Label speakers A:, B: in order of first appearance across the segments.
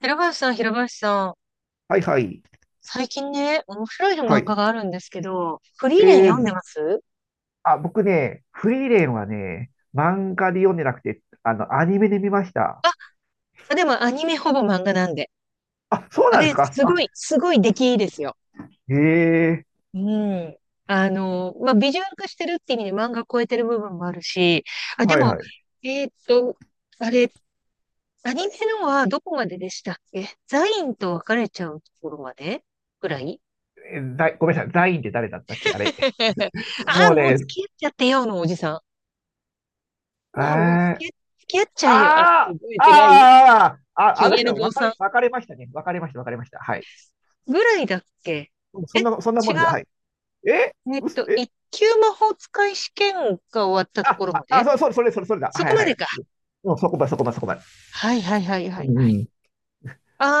A: 平林さん、平林さん、
B: はいはい。
A: 最近ね、面白い
B: は
A: 漫画
B: い。
A: があるんですけど、フリ
B: え
A: ーレン読んで
B: ー、
A: ます。
B: あ、僕ね、フリーレンはね、漫画で読んでなくて、アニメで見ました。
A: あ、でもアニメほぼ漫画なんで。
B: あ、そう
A: あ
B: なんで
A: れ、
B: すか
A: す
B: あ。
A: ごい、すごい出来いいですよ。
B: へえ。
A: うん。まあ、ビジュアル化してるって意味で漫画超えてる部分もあるし、あ、で
B: はい
A: も、
B: はい。
A: えーっと、あれ、アニメのはどこまででしたっけ。ザインと別れちゃうところまでぐらい。
B: ザイごめんなさい、ザインって誰だったっけあれ。も
A: あ、
B: う
A: もう付
B: ね。
A: き合っちゃってよのおじさん。
B: え
A: あ、もう付
B: ー。
A: き合っ付き合っちゃえよ。あ、
B: あー、
A: 覚えてない。
B: あー、あ、
A: ヒ
B: あの
A: ゲ
B: 人
A: の
B: は
A: 坊さん
B: 分かれましたね。分かれました、分かれました。はい。
A: ぐらいだっけ。
B: うん、
A: え、違う。
B: そんなもんです。はい。え、
A: えっ
B: うす、
A: と、
B: え、
A: 一級魔法使い試験が終わったと
B: あ、
A: ころ
B: あ、
A: ま
B: あ、
A: で。
B: そう、そう、それだ。
A: そ
B: は
A: こ
B: い
A: ま
B: は
A: で
B: い。
A: か。
B: うん、そこまで。
A: はいはいはいは
B: うん、
A: いはい。
B: うん。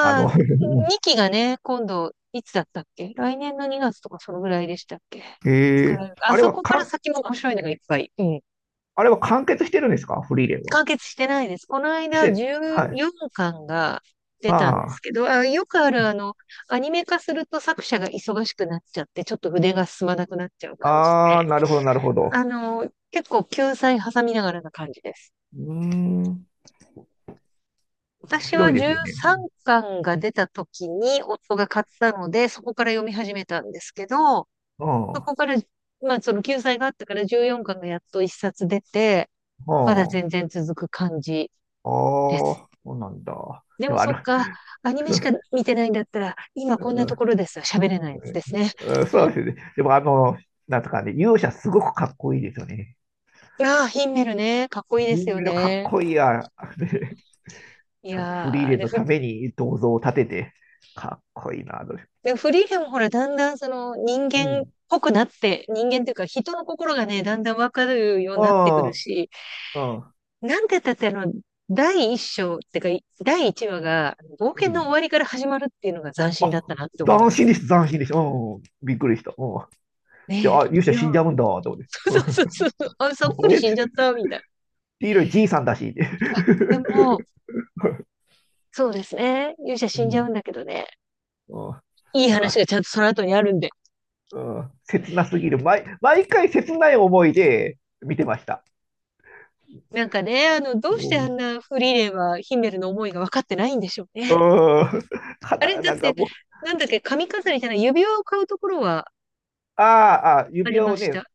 B: あの、う
A: あ、
B: ん。
A: 2期がね、今度、いつだったっけ、来年の2月とかそのぐらいでしたっけ、作ら
B: えー、
A: れるか。あ
B: あれ
A: そ
B: は
A: こから
B: 韓
A: 先も面白いのがいっぱい。うん。
B: あれは完結してるんですか、フリーレンは。
A: 完結してないです。この
B: し
A: 間、
B: て、はい。
A: 14巻が出たんで
B: あ
A: すけど、あ、よくあるアニメ化すると作者が忙しくなっちゃって、ちょっと筆が進まなくなっちゃう
B: あ、
A: 感じで。
B: ああ、なるほど、なるほど。
A: 結構救済挟みながらな感じです。
B: うーん、面
A: 私
B: 白
A: は
B: いですよね。
A: 13巻が出た時に夫が買ったので、そこから読み始めたんですけど、
B: うん、う
A: そ
B: ん。あ
A: こから、まあその救済があったから14巻がやっと1冊出て、まだ全然続く感じ
B: あ、
A: です。
B: そうなんだ。
A: で
B: で
A: も
B: も、あ
A: そっ
B: の、
A: か、アニメしか 見てないんだったら、今
B: う
A: こんな
B: ん。
A: ところです。喋れないやつですね。
B: うん、そうですね。でも、あの、なんとかね、勇者すごくかっこいいですよね。
A: ああ、ヒンメルね。かっこいいです
B: 銀
A: よ
B: メダルかっ
A: ね。
B: こいいや。
A: い
B: ちゃんと
A: やー、
B: フリー
A: あ
B: レン
A: れ、
B: の
A: ふ
B: ために銅像を建てて、かっこいいな、と。
A: でもフリーレンもほら、だんだんその人
B: う
A: 間っ
B: ん。
A: ぽくなって、人間っていうか人の心がね、だんだんわかるようになってくる
B: あ
A: し、
B: あ、うん。
A: なんて言ったって第一章ってか、第一話が冒
B: う
A: 険の終
B: ん。
A: わりから始まるっていうのが斬新だっ
B: あ、
A: たなって思い
B: 斬
A: ま
B: 新
A: す。
B: でした、斬新でした。うん、びっくりした。うん。で、
A: ね
B: あ、
A: え。
B: 勇
A: い
B: 者
A: や、
B: 死んじゃうんだ、と思って。う
A: そう
B: ん。
A: そうそうそう、あ、そっく
B: あ
A: り
B: れって、
A: 死んじゃった、みたい
B: 黄色じいさんだし、って。
A: な。でも、そうですね。勇者
B: う
A: 死んじゃうん
B: ん、
A: だけどね。
B: うん。
A: いい
B: なん
A: 話
B: か、
A: がちゃんとその後にあるんで。
B: うん、切なすぎる。毎回切ない思いで見てました。
A: なんかね、どう
B: う
A: してあん
B: ん。
A: なフリーレンはヒメルの思いが分かってないんでしょう
B: う
A: ね。
B: ん。か
A: あれ、だ
B: な、な
A: っ
B: んか
A: て、
B: もう、
A: なんだっけ、髪飾りじゃない、指輪を買うところは
B: ああ、
A: あ
B: 指
A: り
B: 輪
A: ま
B: を
A: し
B: ね、
A: た。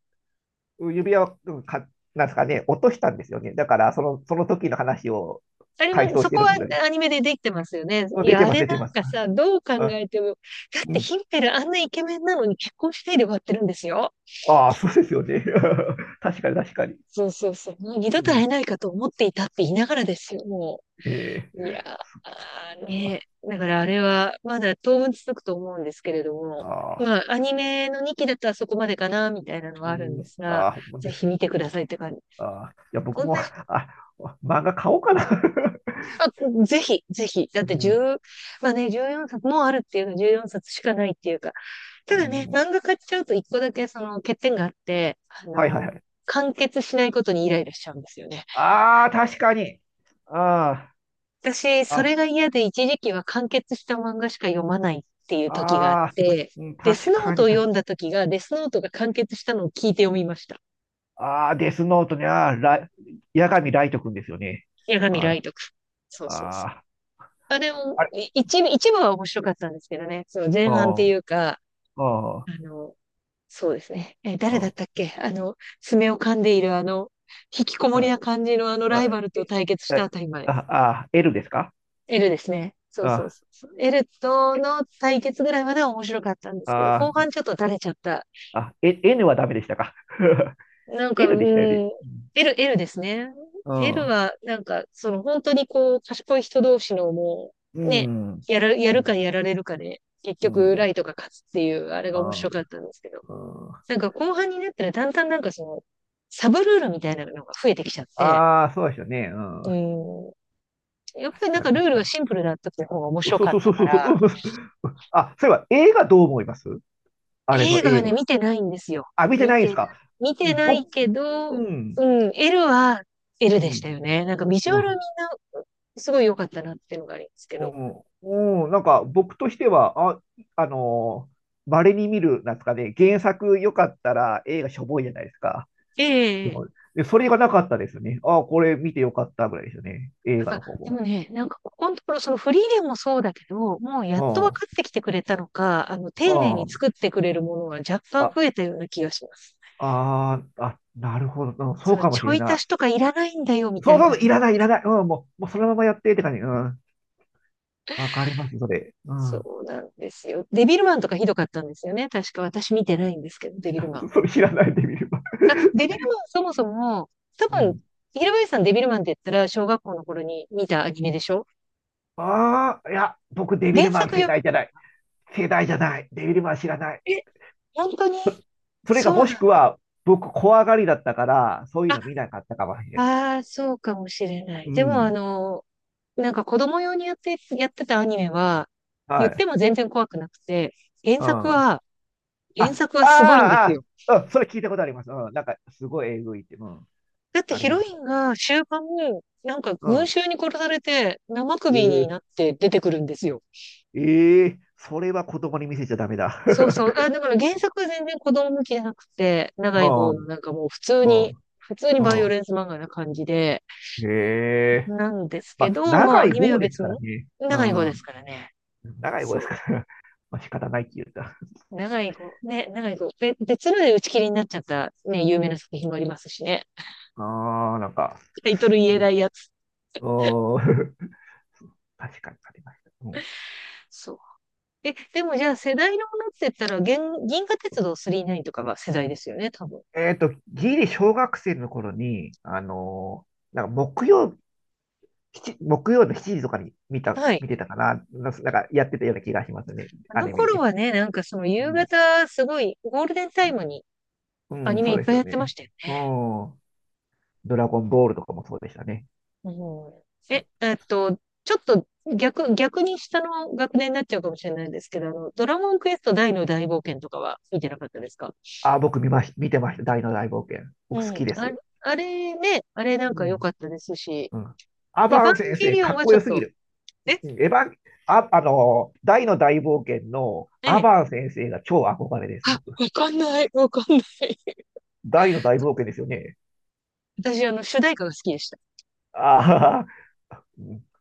B: 指輪を、うんか、なんですかね、落としたんですよね。だから、その時の話を
A: あり
B: 回
A: ま、
B: 想し
A: そ
B: て
A: こ
B: るん
A: は
B: ですよね。
A: アニメでできてますよね。
B: うん、
A: い
B: 出
A: や、
B: て
A: あ
B: ます、
A: れ
B: 出
A: な
B: て
A: ん
B: ます。
A: かさ、どう考
B: あ、
A: えても、だっ
B: う
A: て
B: ん。
A: ヒンペルあんなイケメンなのに結婚してで終わってるんですよ。
B: ああ、そうですよね。確かに、確かに。
A: そうそうそう。もう二度
B: う
A: と会え
B: ん。
A: ないかと思っていたって言いながらですよ、も
B: え
A: う。ー、
B: ー
A: ねだからあれは、まだ当分続くと思うんですけれども、
B: ああ、
A: まあ、アニメの2期だったらそこまでかな、みたいなの
B: う
A: はあるんで
B: ん。
A: すが、
B: ああ、もう
A: ぜ
B: じゃ
A: ひ見てくださいって感じ。
B: あ、いや、僕
A: 同じ。
B: も、あ、漫画買おうかな。
A: あ、ぜひ、ぜひ。だって
B: う
A: 1、
B: ん。
A: まあね、14冊もうよんさつもあるっていうか、14冊しかないっていうか。
B: う
A: ただね、
B: ん。
A: 漫画買っちゃうと一個だけその欠点があって、
B: はいはいはい。
A: 完結しないことにイライラしちゃうんですよね。
B: ああ、確かに。あ
A: 私、そ
B: あ、
A: れが嫌で一時期は完結した漫画しか読まないっていう
B: あ、
A: 時があっ
B: ああ、
A: て、
B: うん、
A: デス
B: 確
A: ノー
B: か
A: ト
B: に、
A: を
B: 確
A: 読
B: か
A: ん
B: に。
A: だ時が、デスノートが完結したのを聞いて読みました。
B: ああ、デスノートに、ああ、八神ライト君ですよね。
A: 八神ラ
B: あ
A: イト君。そ
B: あ、
A: うそうそ
B: あ
A: う。
B: あ、
A: あ、でも、
B: あれ、
A: 一部、一部は面白かったんですけどね。その
B: う
A: 前半っ
B: ん、う
A: てい
B: ん、
A: うか、
B: うん、
A: あの、そうですね。誰だったっけ、爪を噛んでいるあの、引きこもり
B: あ
A: な感じのあのラ
B: あ、
A: イバルと
B: え、
A: 対決したあ
B: え、
A: たりまで。
B: ああ、L ですか？
A: エルですね。そうそう
B: あ
A: そうそう。エルとの対決ぐらいまでは面白かったんですけど、
B: あ、
A: 後半ちょっと垂れちゃった。
B: あ、あ、え、 N はダメでしたか？
A: なんか、う
B: N でしたよね。
A: ーん、エルですね。
B: う
A: エル
B: ん。
A: は、なんか、その本当にこう、賢い人同士のも
B: う
A: う、ね、
B: ん。うん、
A: やるかやられるかで、結
B: う
A: 局、ラ
B: ん。
A: イトが勝つっていう、あれが面
B: あ
A: 白かったんですけど。
B: ー、うん。
A: なんか後半になったらだんだんなんかその、サブルールみたいなのが増えてきちゃって、
B: あー、そうですよね。う
A: う
B: ん。
A: ん、やっぱり
B: 確
A: なん
B: か
A: か
B: に、
A: ルー
B: 確
A: ル
B: か
A: が
B: に。
A: シンプルだった方が面白
B: そう
A: かっ
B: そうそ
A: た
B: う
A: か
B: そうそう。
A: ら、
B: うん、あ、そういえば、映画どう思います？あれ
A: 映
B: の
A: 画は
B: 映
A: ね、見
B: 画。
A: てないんですよ。
B: あ、見て
A: 見
B: ないで
A: てな
B: す
A: い。
B: か？
A: 見てない
B: 僕、
A: け
B: う
A: ど、
B: ん、
A: うん、L は L
B: う
A: でした
B: ん、
A: よね。なんかビジュ
B: う
A: アルみんな
B: ん、
A: すごい良かったなっていうのがあるんですけ
B: う
A: ど。
B: ん、うん、なんか僕としては、あ、あの稀に見る、なんですかね、原作よかったら映画しょぼいじゃないですか。
A: ええ、
B: で、それがなかったですね。ああ、これ見てよかったぐらいですよね。映画
A: あ、
B: の方
A: でも
B: も。
A: ね、なんかここのところ、そのフリーレンもそうだけど、もうやっと分かってきてくれたのか、
B: う
A: 丁寧に
B: ん。あ
A: 作ってくれるものは若
B: あ
A: 干
B: あ、
A: 増えたような気がします。
B: ああ、なるほど。うん、そ
A: そ
B: う
A: の
B: かも
A: ち
B: し
A: ょ
B: れ
A: い足
B: な
A: しとかいらないんだよ、み
B: い。
A: た
B: そう
A: い
B: そう
A: なね。
B: そう、いらない、いらない。うん、もう、もうそのままやってって感じ。うん。わかります、それ。う
A: そ
B: ん。
A: うなんですよ。デビルマンとかひどかったんですよね。確か私見てないんですけど、デビルマン。
B: それ知らないで見れば。
A: あ、デビルマンそもそも、多
B: う
A: 分、
B: ん。
A: 平林さんデビルマンって言ったら小学校の頃に見たアニメでしょ。
B: ああ、いや、僕、デビ
A: 原
B: ル
A: 作
B: マン世
A: 読
B: 代じゃない。世代じゃない。デビルマン知らない。
A: み、え、本当に？
B: それか、
A: そう
B: もし
A: な
B: く
A: ん、
B: は、僕、怖がりだったから、そうい
A: あ、
B: うの見なかったかもしれない。
A: ああー、そうかもしれな
B: う
A: い。でもあ
B: ん。
A: の、なんか子供用にやって、やってたアニメは、
B: は
A: 言って
B: い。
A: も全然怖くなくて、原
B: う
A: 作
B: ん。
A: は、
B: あ、
A: 原
B: あ
A: 作はすごいんで
B: あ、あ
A: すよ。
B: あ、うん、それ聞いたことあります。うん、なんか、すごいえぐいって。うん、
A: だって
B: あり
A: ヒロ
B: ます。
A: インが終盤、なんか
B: う
A: 群
B: ん。
A: 衆に殺されて生
B: え
A: 首に
B: ー。
A: なって出てくるんですよ。
B: えー、それは子供に見せちゃダメだ。
A: そうそう。あ、だから原作は全然子供向きじゃなくて、長
B: う
A: い方の
B: ん、
A: なんかもう
B: うん、
A: 普通にバイオ
B: う
A: レンス漫画な感じで、
B: ん。へえ。
A: なんです
B: ま
A: け
B: あ、
A: ど、まあ
B: 長
A: ア
B: い
A: ニメは
B: 棒です
A: 別
B: から
A: 物。
B: ね。う
A: 長い方です
B: ん。
A: からね。
B: 長い棒です
A: そ
B: から。まあ、仕方ないって言った。
A: う。長い方、ね、長い方。べ別ので打ち切りになっちゃったね、有名な作品もありますしね。
B: ああ、なんか、
A: タイトル言えないやつ。
B: おー。 確かにありました。うん。
A: そう。え、でもじゃあ世代のものって言ったら、銀河鉄道999とかが世代ですよね、多分。
B: えっと、ギリ小学生の頃に、あのーなんか木曜の7時とかに見た、
A: はい。
B: 見てたかな。なんかやってたような気がしますね。
A: あ
B: ア
A: の
B: ニメ
A: 頃
B: で。
A: はね、なんかその
B: う
A: 夕
B: ん、
A: 方、すごいゴールデンタイムに
B: う
A: ア
B: ん、
A: ニメ
B: そ
A: い
B: う
A: っ
B: です
A: ぱい
B: よ
A: やってま
B: ね。
A: したよ
B: う
A: ね。
B: ん。ドラゴンボールとかもそうでしたね。
A: うん、え、えっと、ちょっと逆、逆に下の学年になっちゃうかもしれないですけど、ドラゴンクエスト大の大冒険とかは見てなかったですか？
B: あ、僕見まし、見てました。大の大冒険。
A: う
B: 僕好
A: ん。
B: きで
A: あれ、
B: す。
A: あれね、あれなん
B: う
A: か良か
B: ん。
A: ったですし、
B: うん。ア
A: エヴ
B: バ
A: ァ
B: ン
A: ン
B: 先
A: ゲ
B: 生、
A: リオン
B: かっ
A: は
B: こ
A: ちょっ
B: よすぎ
A: と、
B: る。
A: え、
B: うん、エヴァン、大の大冒険の
A: え
B: ア
A: え、
B: バン先生が超憧れです、
A: あ、
B: 僕。
A: わかんない、わかんない。
B: 大の大冒険ですよね。
A: 私、主題歌が好きでした。
B: あ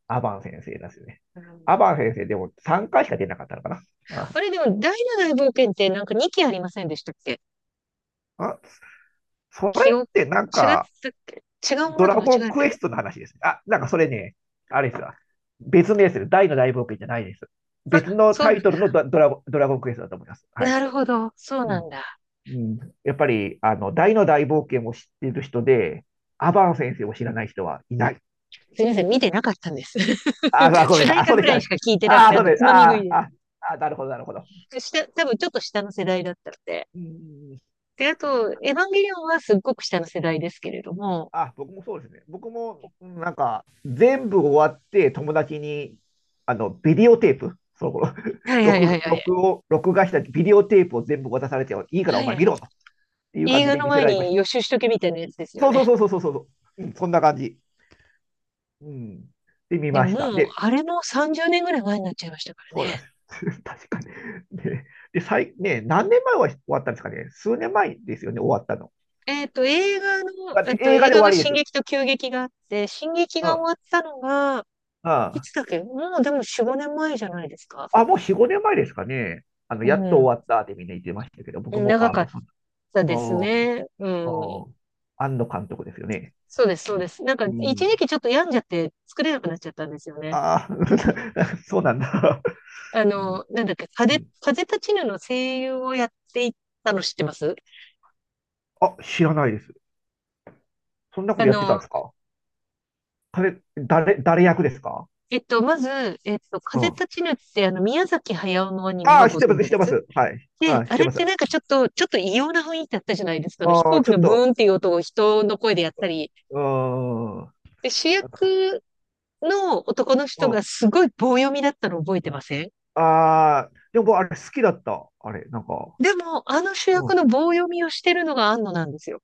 B: あ、アバン先生ですね。
A: うん、
B: アバン先生でも3回しか出なかったのかな。あ、
A: あれ、でも、第七大冒険ってなんか2期ありませんでしたっけ。
B: あ、それ
A: 記
B: っ
A: 憶、
B: てなん
A: 違っ
B: か、
A: たっけ。違うも
B: ド
A: のと
B: ラ
A: 間違
B: ゴン
A: えて
B: クエ
A: る？
B: ストの話ですね。あ、なんかそれね、あれですわ。別名ですよ。大の大冒険じゃないです。
A: あ、
B: 別の
A: そう
B: タ
A: なん
B: イトルの
A: だ。
B: ドラゴンクエストだと思います。はい。
A: なるほど。そう
B: う
A: な
B: ん。
A: んだ。
B: うん、やっぱり、あの、大の大冒険を知っている人で、アバン先生を知らない人はいない。
A: すみません、見てなかったんです。
B: あ、あ、ごめ
A: 主
B: んな
A: 題
B: さい。あ、
A: 歌
B: そう
A: ぐ
B: でし
A: ら
B: た
A: い
B: ね。
A: しか聞いてなく
B: あ、
A: て、あ
B: そう
A: と
B: で
A: つ
B: す。
A: まみ食い
B: あ、
A: で
B: あ、あ、なるほど、なるほど。
A: す。下、多分ちょっと下の世代だったので。
B: うん、
A: で、あと、エヴァンゲリオンはすっごく下の世代ですけれども。
B: あ、僕もそうですね。僕も、うん、なんか、全部終わって、友達に、あの、ビデオテープ、その頃、
A: は いはいはいはい。
B: 録画したビデオテープを全部渡されて、いいからお
A: は
B: 前
A: い。
B: 見ろと、っていう感
A: 映
B: じ
A: 画
B: で
A: の
B: 見せ
A: 前
B: られまし
A: に
B: た。
A: 予習しとけみたいなやつですよ
B: そうそ
A: ね。
B: うそうそうそうそう、うん、そんな感じ。うん。で、見
A: で
B: ま
A: も
B: した。
A: もう、
B: で、
A: あれも30年ぐらい前になっちゃいましたから
B: そうなん
A: ね。
B: ですよ。確かに。で、で、最、ね、何年前は終わったんですかね。数年前ですよね、終わったの。だって映画
A: 映
B: で
A: 画
B: 終わ
A: が
B: りで
A: 進
B: す。
A: 撃と急激があって、進撃
B: う
A: が終
B: ん、
A: わったのが、
B: う
A: い
B: ん。
A: つだっけ。もうでも4、5年前じゃないですか。
B: あ、もう4、5年前ですかね。あの、
A: う
B: やっと
A: ん。
B: 終わったってみんな言ってましたけど、僕も、
A: 長
B: あ、
A: か
B: も
A: っ
B: うそ
A: たです
B: の、
A: ね。う
B: うん、
A: ん。
B: うん、庵野監督ですよね。
A: そうです、そうです。なんか、
B: う
A: 一
B: ん。
A: 時期ちょっと病んじゃって作れなくなっちゃったんですよね。
B: ああー、そうなんだ。
A: あ
B: うん、
A: の、なんだっけ、
B: うん、
A: 風立ちぬの声優をやっていたの知ってます？
B: あ、知らないです。そんなこ
A: あ
B: とやってたん
A: の、
B: ですか？彼、誰、誰役ですか？
A: えっと、まず、えっと、
B: う
A: 風
B: ん。
A: 立ちぬって、あの、宮崎駿のアニメ
B: あ
A: は
B: あ、知っ
A: ご
B: てま
A: 存
B: す、
A: 知
B: 知っ
A: で
B: てま
A: す？
B: す。はい。あ
A: で、
B: あ、知っ
A: あ
B: て
A: れっ
B: ます。
A: てなんかちょっと異様な雰囲気だったじゃないですか。あの飛
B: ああ、
A: 行機
B: ちょ
A: の
B: っ
A: ブ
B: と、
A: ーンっていう音を人の声でやったり。
B: うーん。
A: で、主
B: なんか、
A: 役の男の
B: う
A: 人が
B: ん。
A: すごい棒読みだったの覚えてません？
B: ああ、でもあれ好きだった。あれ、なんか。
A: でも、あの主
B: う
A: 役
B: ん。
A: の棒読みをしてるのが庵野なんですよ。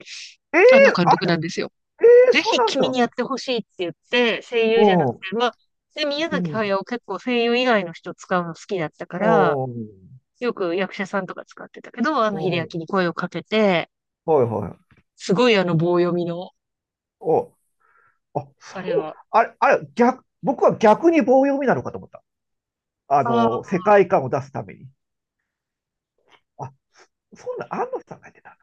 B: ええ、
A: 庵野監
B: あ
A: 督なんですよ。
B: れ、ええ、
A: ぜ
B: そう
A: ひ
B: なん
A: 君
B: だ。
A: にやってほしいって言って、声
B: う
A: 優じゃなく
B: ん。
A: て、まあ、で、宮
B: う
A: 崎
B: ん。
A: 駿結構声優以外の人使うの好きだったか
B: あ
A: ら、
B: ー、
A: よく役者さんとか使ってたけど、庵野秀
B: う、
A: 明に声をかけて、
B: はいはい。
A: すごいあの棒読みの、
B: お、あ、そ
A: あれ
B: う、
A: は。
B: あれ、あれ、逆、僕は逆に棒読みなのかと思った。あの、
A: あ
B: 世界観を出すために。あ、そんな、安野さんがやってた。